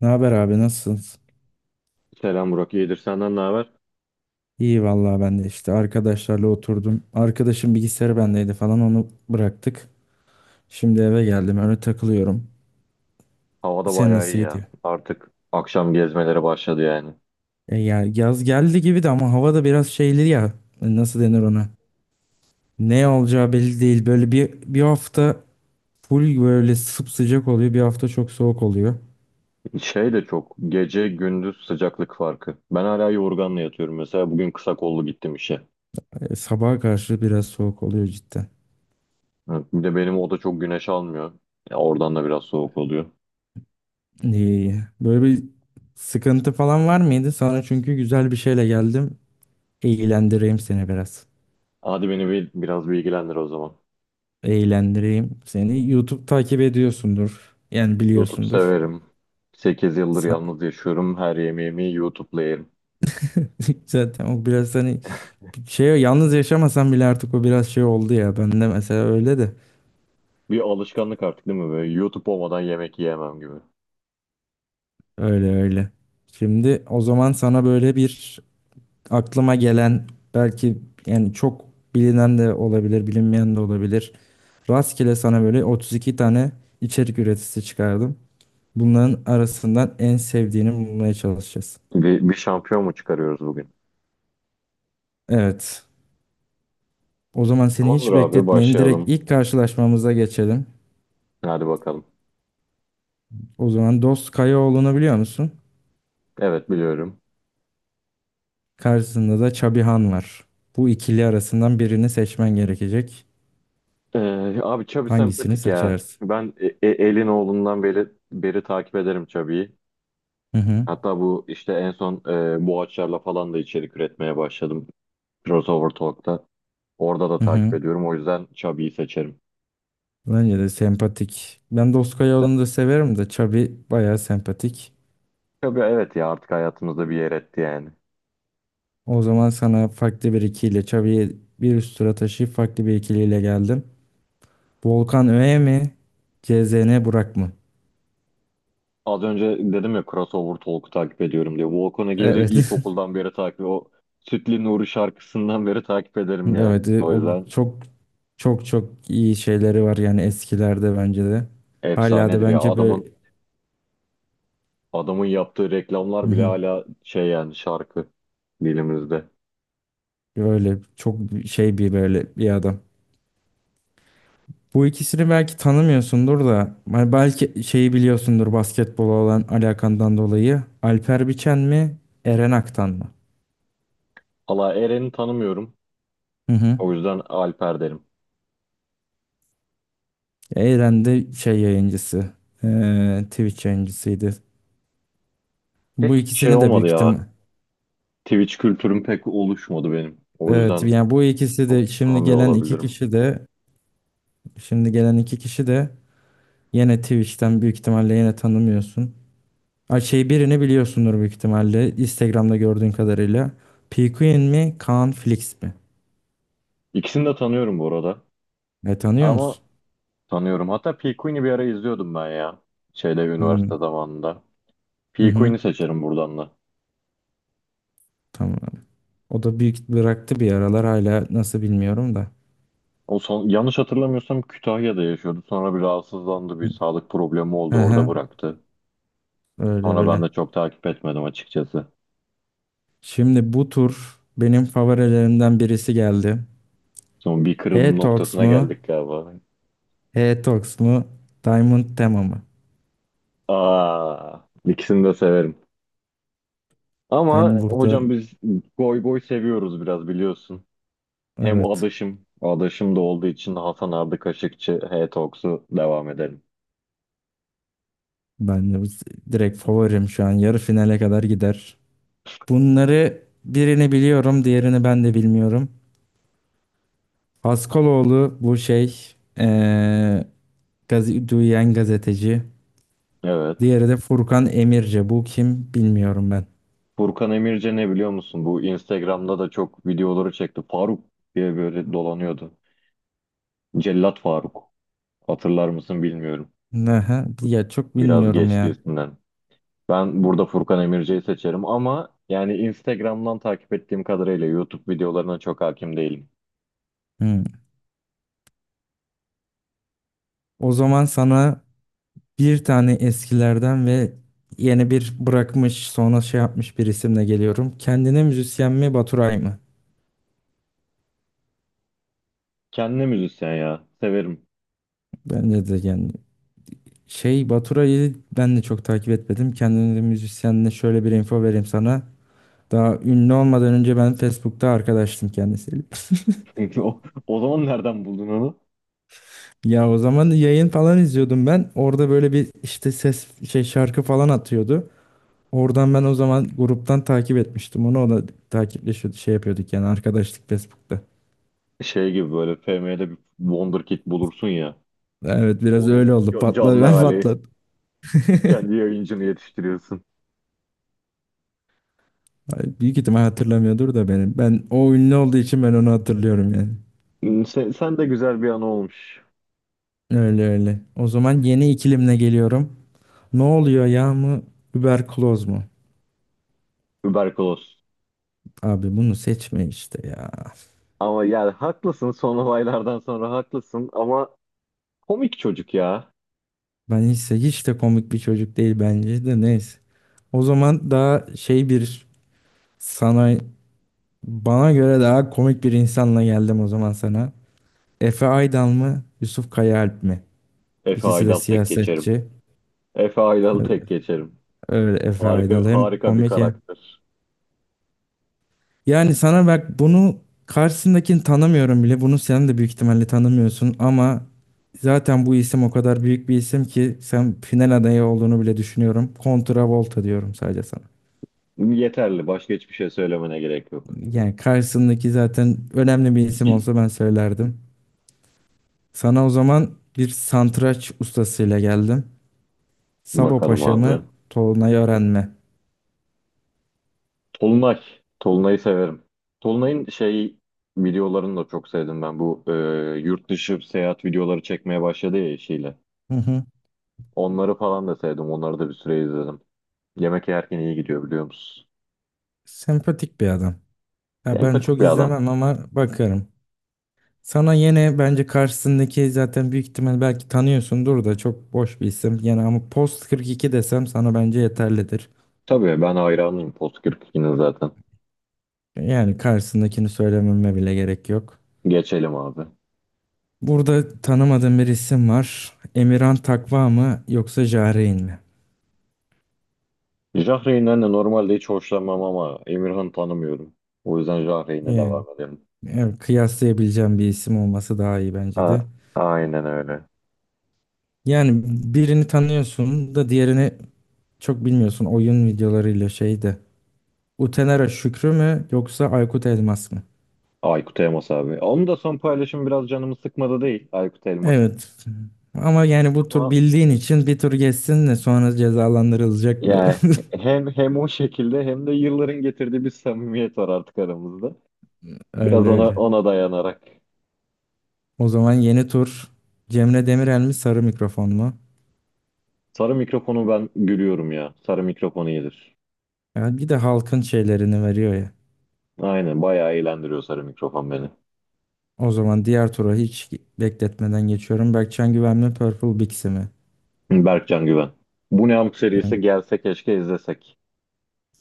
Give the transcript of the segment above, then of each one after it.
Ne haber abi nasılsınız? Selam Burak. İyidir senden ne haber? İyi vallahi ben de işte arkadaşlarla oturdum. Arkadaşım bilgisayarı bendeydi falan onu bıraktık. Şimdi eve geldim öyle takılıyorum. Havada Sen bayağı nasıl iyi gidiyor? ya. Artık akşam gezmelere başladı yani. E ya yaz geldi gibi de ama hava da biraz şeyli ya. Nasıl denir ona? Ne olacağı belli değil. Böyle bir hafta full böyle sıcak oluyor. Bir hafta çok soğuk oluyor. Şey de çok. Gece gündüz sıcaklık farkı. Ben hala yorganla yatıyorum. Mesela bugün kısa kollu gittim işe. Sabaha karşı biraz soğuk oluyor cidden. Evet, bir de benim oda çok güneş almıyor. Ya oradan da biraz soğuk oluyor. İyi. Böyle bir sıkıntı falan var mıydı? Sana çünkü güzel bir şeyle geldim. Eğlendireyim seni biraz. Hadi beni biraz bilgilendir o zaman. Eğlendireyim seni. YouTube takip ediyorsundur. Yani YouTube biliyorsundur. severim. 8 yıldır Sa- yalnız yaşıyorum. Her yemeğimi YouTube'la yerim. Zaten o biraz hani şey yalnız yaşamasan bile artık o biraz şey oldu ya. Ben de mesela öyle de. Bir alışkanlık artık değil mi böyle? YouTube olmadan yemek yiyemem gibi. Öyle öyle. Şimdi o zaman sana böyle bir aklıma gelen belki yani çok bilinen de olabilir, bilinmeyen de olabilir. Rastgele sana böyle 32 tane içerik üreticisi çıkardım. Bunların arasından en sevdiğini bulmaya çalışacağız. Bir şampiyon mu çıkarıyoruz bugün? Evet. O zaman seni Tamamdır hiç abi bekletmeyeyim. Direkt başlayalım. ilk karşılaşmamıza geçelim. Hadi bakalım. O zaman Dost Kayaoğlu'nu biliyor musun? Evet biliyorum. Karşısında da Çabihan var. Bu ikili arasından birini seçmen gerekecek. Abi Chubby Hangisini sempatik ya. seçersin? Ben elin oğlundan beri takip ederim Chubby'yi. Hı hı. Hatta bu işte en son Boğaçlar'la falan da içerik üretmeye başladım. Crossover Talk'ta. Orada da Hı takip hı. ediyorum. O yüzden Chubby'yi seçerim. Bence de sempatik. Ben Dost İşte Kayaoğlu'nu da severim de Çabi bayağı sempatik. Chubby, evet ya, artık hayatımızda bir yer etti yani. O zaman sana farklı bir ikiyle Çabi'yi bir üst tura taşıyıp farklı bir ikiliyle geldim. Volkan Öğe mi? CZN Burak mı? Az önce dedim ya Crossover Talk'u takip ediyorum diye. Volkan Ege'yi de Evet. ilkokuldan beri takip O Sütlü Nuri şarkısından beri takip ederim yani. Evet, O o yüzden çok çok çok iyi şeyleri var yani eskilerde bence de. Hala da efsanedir ya. bence böyle. Adamın yaptığı reklamlar Hı bile hı. hala şey yani şarkı dilimizde. Öyle çok şey bir böyle bir adam. Bu ikisini belki tanımıyorsundur da hani belki şeyi biliyorsundur basketbola olan alakandan dolayı. Alper Biçen mi, Eren Aktan mı? Valla Eren'i tanımıyorum. Hı hı. O yüzden Alper derim. Eren de şey yayıncısı, Twitch yayıncısıydı. Bu Pek şey ikisini de olmadı büyük ya. ihtimal. Twitch kültürüm pek oluşmadı benim. O Evet, yüzden yani bu ikisi de çok şimdi tanımıyor gelen iki olabilirim. kişi de. Şimdi gelen iki kişi de Yine Twitch'ten büyük ihtimalle yine tanımıyorsun. Ay şey birini biliyorsundur büyük ihtimalle Instagram'da gördüğün kadarıyla. PQN mi Kaan Flix mi? İkisini de tanıyorum bu arada. E tanıyor Ama musun? tanıyorum. Hatta P. Queen'i bir ara izliyordum ben ya. Şeyde üniversite Hmm. zamanında. Hı P. hı. Queen'i seçerim buradan da. Tamam. O da büyük bıraktı bir aralar hala nasıl bilmiyorum da. O son, yanlış hatırlamıyorsam Kütahya'da yaşıyordu. Sonra bir rahatsızlandı. Bir sağlık problemi Hı oldu. Orada hı. bıraktı. Öyle Sonra ben öyle. de çok takip etmedim açıkçası. Şimdi bu tur benim favorilerimden birisi geldi. Son bir kırılma H-Tox noktasına mu? geldik galiba. H-Tox mu? Diamond Tema mı? Aa, ikisini de severim. Ben Ama burada hocam biz goy goy seviyoruz biraz biliyorsun. Hem evet. adaşım da olduğu için Hasan Ardı Kaşıkçı, H-Talks'u devam edelim. Ben de direkt favorim şu an. Yarı finale kadar gider. Bunları birini biliyorum, diğerini ben de bilmiyorum. Haskaloğlu bu şey gazi, duyan gazeteci. Evet. Diğeri de Furkan Emirce. Bu kim bilmiyorum ben. Furkan Emirce ne biliyor musun? Bu Instagram'da da çok videoları çekti. Faruk diye böyle dolanıyordu. Cellat Faruk. Hatırlar mısın bilmiyorum. Aha, ya çok Biraz bilmiyorum geçti ya. üstünden. Ben burada Furkan Emirci'yi seçerim ama yani Instagram'dan takip ettiğim kadarıyla YouTube videolarına çok hakim değilim. Hmm. O zaman sana bir tane eskilerden ve yeni bir bırakmış sonra şey yapmış bir isimle geliyorum. Kendine müzisyen mi Baturay mı? Kendine müzisyen ya. Severim. Bence de yani. Şey Baturay'ı ben de çok takip etmedim. Kendini müzisyenle şöyle bir info vereyim sana. Daha ünlü olmadan önce ben Facebook'ta arkadaştım kendisiyle. O, o zaman nereden buldun onu? Ya o zaman yayın falan izliyordum ben. Orada böyle bir işte ses şey şarkı falan atıyordu. Oradan ben o zaman gruptan takip etmiştim onu. O da takipleşiyordu şey yapıyorduk yani arkadaşlık Facebook'ta. Şey gibi böyle FM'de bir Wonderkid bulursun ya. Evet biraz Onun öyle oldu. Patladı canlı ben hali. patladım. Kendi yayıncını yetiştiriyorsun. Ay, büyük ihtimal hatırlamıyordur da benim. Ben o ünlü olduğu için ben onu hatırlıyorum yani. Sen de güzel bir an olmuş. Öyle öyle. O zaman yeni ikilimle geliyorum. Ne oluyor ya mı? Überkloz mu? Überkoloz. Abi bunu seçme işte ya. Ama yani haklısın son olaylardan sonra haklısın ama komik çocuk ya. Ben hiç de komik bir çocuk değil bence de neyse. O zaman daha şey bir sana bana göre daha komik bir insanla geldim o zaman sana. Efe Aydal mı? Yusuf Kayaalp mi? Efe İkisi de Aydal tek geçerim. siyasetçi. Efe Aydal'ı Öyle, tek geçerim. öyle Efe Harika Aydal hem harika bir komik hem. karakter. Yani sana bak bunu karşısındakini tanımıyorum bile. Bunu sen de büyük ihtimalle tanımıyorsun ama zaten bu isim o kadar büyük bir isim ki sen final adayı olduğunu bile düşünüyorum. Volta diyorum sadece sana. Yeterli. Başka hiçbir şey söylemene gerek yok. Yani karşısındaki zaten önemli bir isim olsa ben söylerdim. Sana o zaman bir santraç ustasıyla geldim. Sabo Bakalım Paşa mı, abi. Tolunay Ören mi? Tolunay. Tolunay'ı severim. Tolunay'ın şey videolarını da çok sevdim ben. Bu yurt dışı seyahat videoları çekmeye başladı ya eşiyle. Hı hı. Onları falan da sevdim. Onları da bir süre izledim. Yemek yerken iyi gidiyor biliyor musun? Sempatik bir adam. Ha, ben Empatik çok bir adam. izlemem ama bakarım. Sana yine bence karşısındaki zaten büyük ihtimal belki tanıyorsundur da çok boş bir isim. Yani ama Post 42 desem sana bence yeterlidir. Tabii ben hayranıyım Post 42'nin zaten. Yani karşısındakini söylememe bile gerek yok. Geçelim abi. Burada tanımadığım bir isim var. Emirhan Takva mı yoksa Jarein mi? Jahreyn'den de normalde hiç hoşlanmam ama Emirhan'ı tanımıyorum. O yüzden Jahreyn'e Yani, devam edelim. evet, kıyaslayabileceğim bir isim olması daha iyi bence A- de. aynen öyle. Yani birini tanıyorsun da diğerini çok bilmiyorsun oyun videolarıyla şeyde. Utenera Şükrü mü yoksa Aykut Elmas mı? Aykut Elmas abi. Onun da son paylaşımı biraz canımı sıkmadı değil Aykut Elmas'ın. Evet. Ama yani bu tur Ama bildiğin için bir tur geçsin de sonra cezalandırılacak bu. yani hem o şekilde hem de yılların getirdiği bir samimiyet var artık aramızda. Biraz Öyle ona öyle. ona dayanarak. O zaman yeni tur Cemre Demirel mi sarı mikrofon mu? Sarı mikrofonu ben gülüyorum ya. Sarı mikrofonu iyidir. Ya bir de halkın şeylerini veriyor ya. Aynen bayağı eğlendiriyor sarı mikrofon beni. O zaman diğer tura hiç bekletmeden geçiyorum. Berkcan Güven mi Purple Bixi mi? Berkcan Güven. Bu ne amk Ben, serisi gelse keşke izlesek.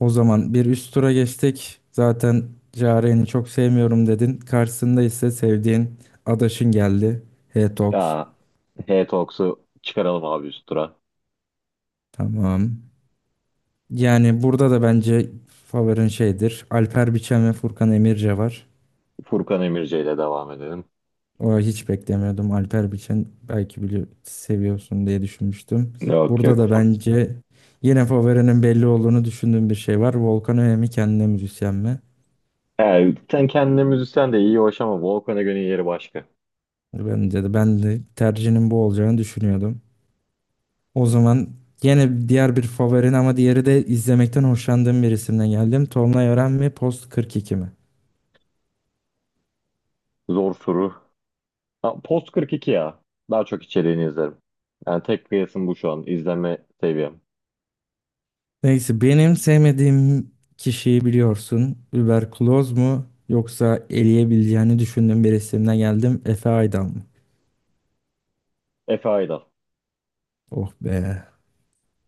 O zaman bir üst tura geçtik. Zaten Yaren'i çok sevmiyorum dedin. Karşısında ise sevdiğin adaşın geldi. H-Tox. Ya H-Talks'u çıkaralım abi üst tura. Tamam. Yani burada da bence favorin şeydir. Alper Biçen ve Furkan Emirce var. Furkan Emirce ile devam edelim. O hiç beklemiyordum. Alper Biçen belki bili seviyorsun diye düşünmüştüm. Yok yok. Burada da bence yine favorinin belli olduğunu düşündüğüm bir şey var. Volkan Öğe kendine müzisyen mi? He, sen kendine müzisyen de iyi hoş ama Volkan'a göre yeri başka. Bence de ben de tercihinin bu olacağını düşünüyordum. O zaman yine diğer bir favorin ama diğeri de izlemekten hoşlandığım bir isimden geldim. Tolunay Ören mi? Post 42 mi? Zor soru. Ha, Post 42 ya. Daha çok içeriğini izlerim. Yani tek kıyasım bu şu an. İzleme seviyem. Neyse benim sevmediğim kişiyi biliyorsun. Überkloz mu yoksa eleyebileceğini düşündüğüm bir isimden geldim. Efe Aydan mı? Efe Aydal. Oh be.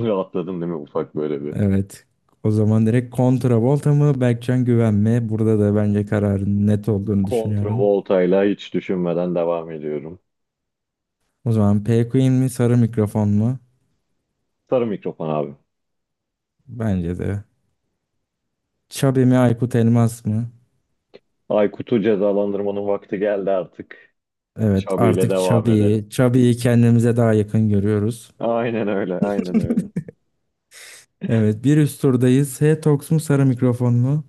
Rahatladım değil mi ufak böyle bir. Evet. O zaman direkt Volta mı Berkcan Güven mi? Burada da bence kararın net olduğunu düşünüyorum. Kontravolta'yla hiç düşünmeden devam ediyorum. O zaman P Queen mi sarı mikrofon mu? Sarı mikrofon abi. Bence de. Chubby mi Aykut Elmas mı? Aykut'u cezalandırmanın vakti geldi artık. Evet Şabi ile artık devam Chubby'yi edelim. Chubby'yi kendimize daha yakın görüyoruz. Aynen öyle, aynen öyle. Evet bir üst turdayız. H-Tox mu sarı mikrofon mu?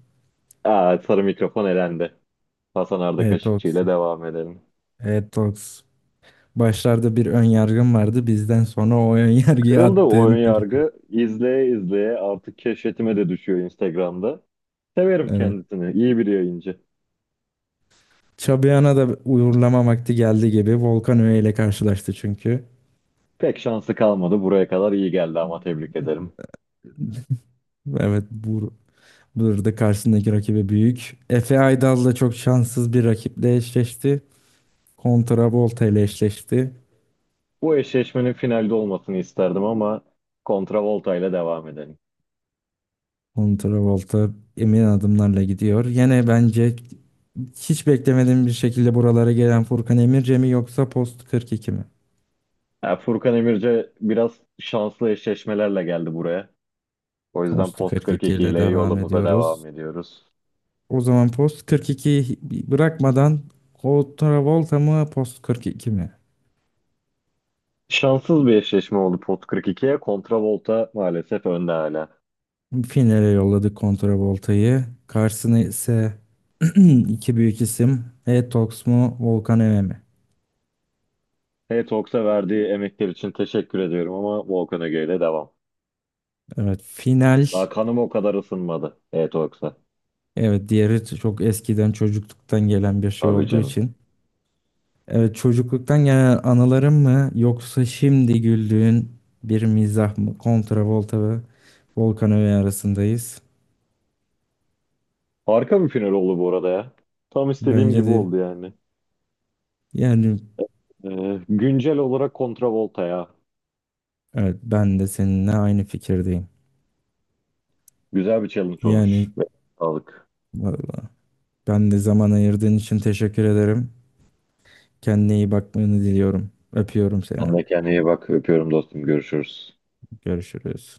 Sarı mikrofon elendi. Hasan Arda Evet, Kaşıkçı ile devam edelim. Evet Tox. Başlarda bir ön yargım vardı. Bizden sonra o ön yargıyı Kırıldı o ön attığın birisi. yargı. İzleye izleye artık keşfetime de düşüyor Instagram'da. Severim Evet. kendisini. İyi bir yayıncı. Çabiyan'a da uğurlama vakti geldi gibi. Volkan Öğe ile karşılaştı çünkü. Pek şansı kalmadı. Buraya kadar iyi geldi ama tebrik ederim. Evet burada karşısındaki rakibi büyük. Efe Aydal da çok şanssız bir rakiple eşleşti. Volta ile eşleşti. Bu eşleşmenin finalde olmasını isterdim ama kontravolta ile devam edelim. Volta emin adımlarla gidiyor. Yine bence hiç beklemediğim bir şekilde buralara gelen Furkan Emirce mi yoksa Post 42 mi? Ya Furkan Emirce biraz şanslı eşleşmelerle geldi buraya. O yüzden Post Post 42 42 ile ile devam yolumuza ediyoruz. devam ediyoruz. O zaman Post 42 bırakmadan Volta mı Post 42 mi? Şanssız bir eşleşme oldu Post 42'ye. Kontravolta maalesef önde hala. Finale yolladık Volta'yı. Karşısına ise iki büyük isim. Etox mu Volkan Eme mi? H-Talks'a verdiği emekler için teşekkür ediyorum ama Volkan Öge ile devam. Evet final. Daha kanım o kadar ısınmadı H-Talks'a. Evet diğeri çok eskiden çocukluktan gelen bir şey Tabii olduğu canım. için. Evet çocukluktan gelen anılarım mı yoksa şimdi güldüğün bir mizah mı? Volta ve Volkan Eme arasındayız. Harika bir final oldu bu arada ya. Tam istediğim Bence gibi de oldu yani. yani. Güncel olarak Volta ya. Evet, ben de seninle aynı fikirdeyim. Güzel bir challenge Yani olmuş. Sağlık. vallahi ben de zaman ayırdığın için teşekkür ederim. Kendine iyi bakmanı diliyorum. Öpüyorum seni. Sen de kendine iyi bak. Öpüyorum dostum. Görüşürüz. Görüşürüz.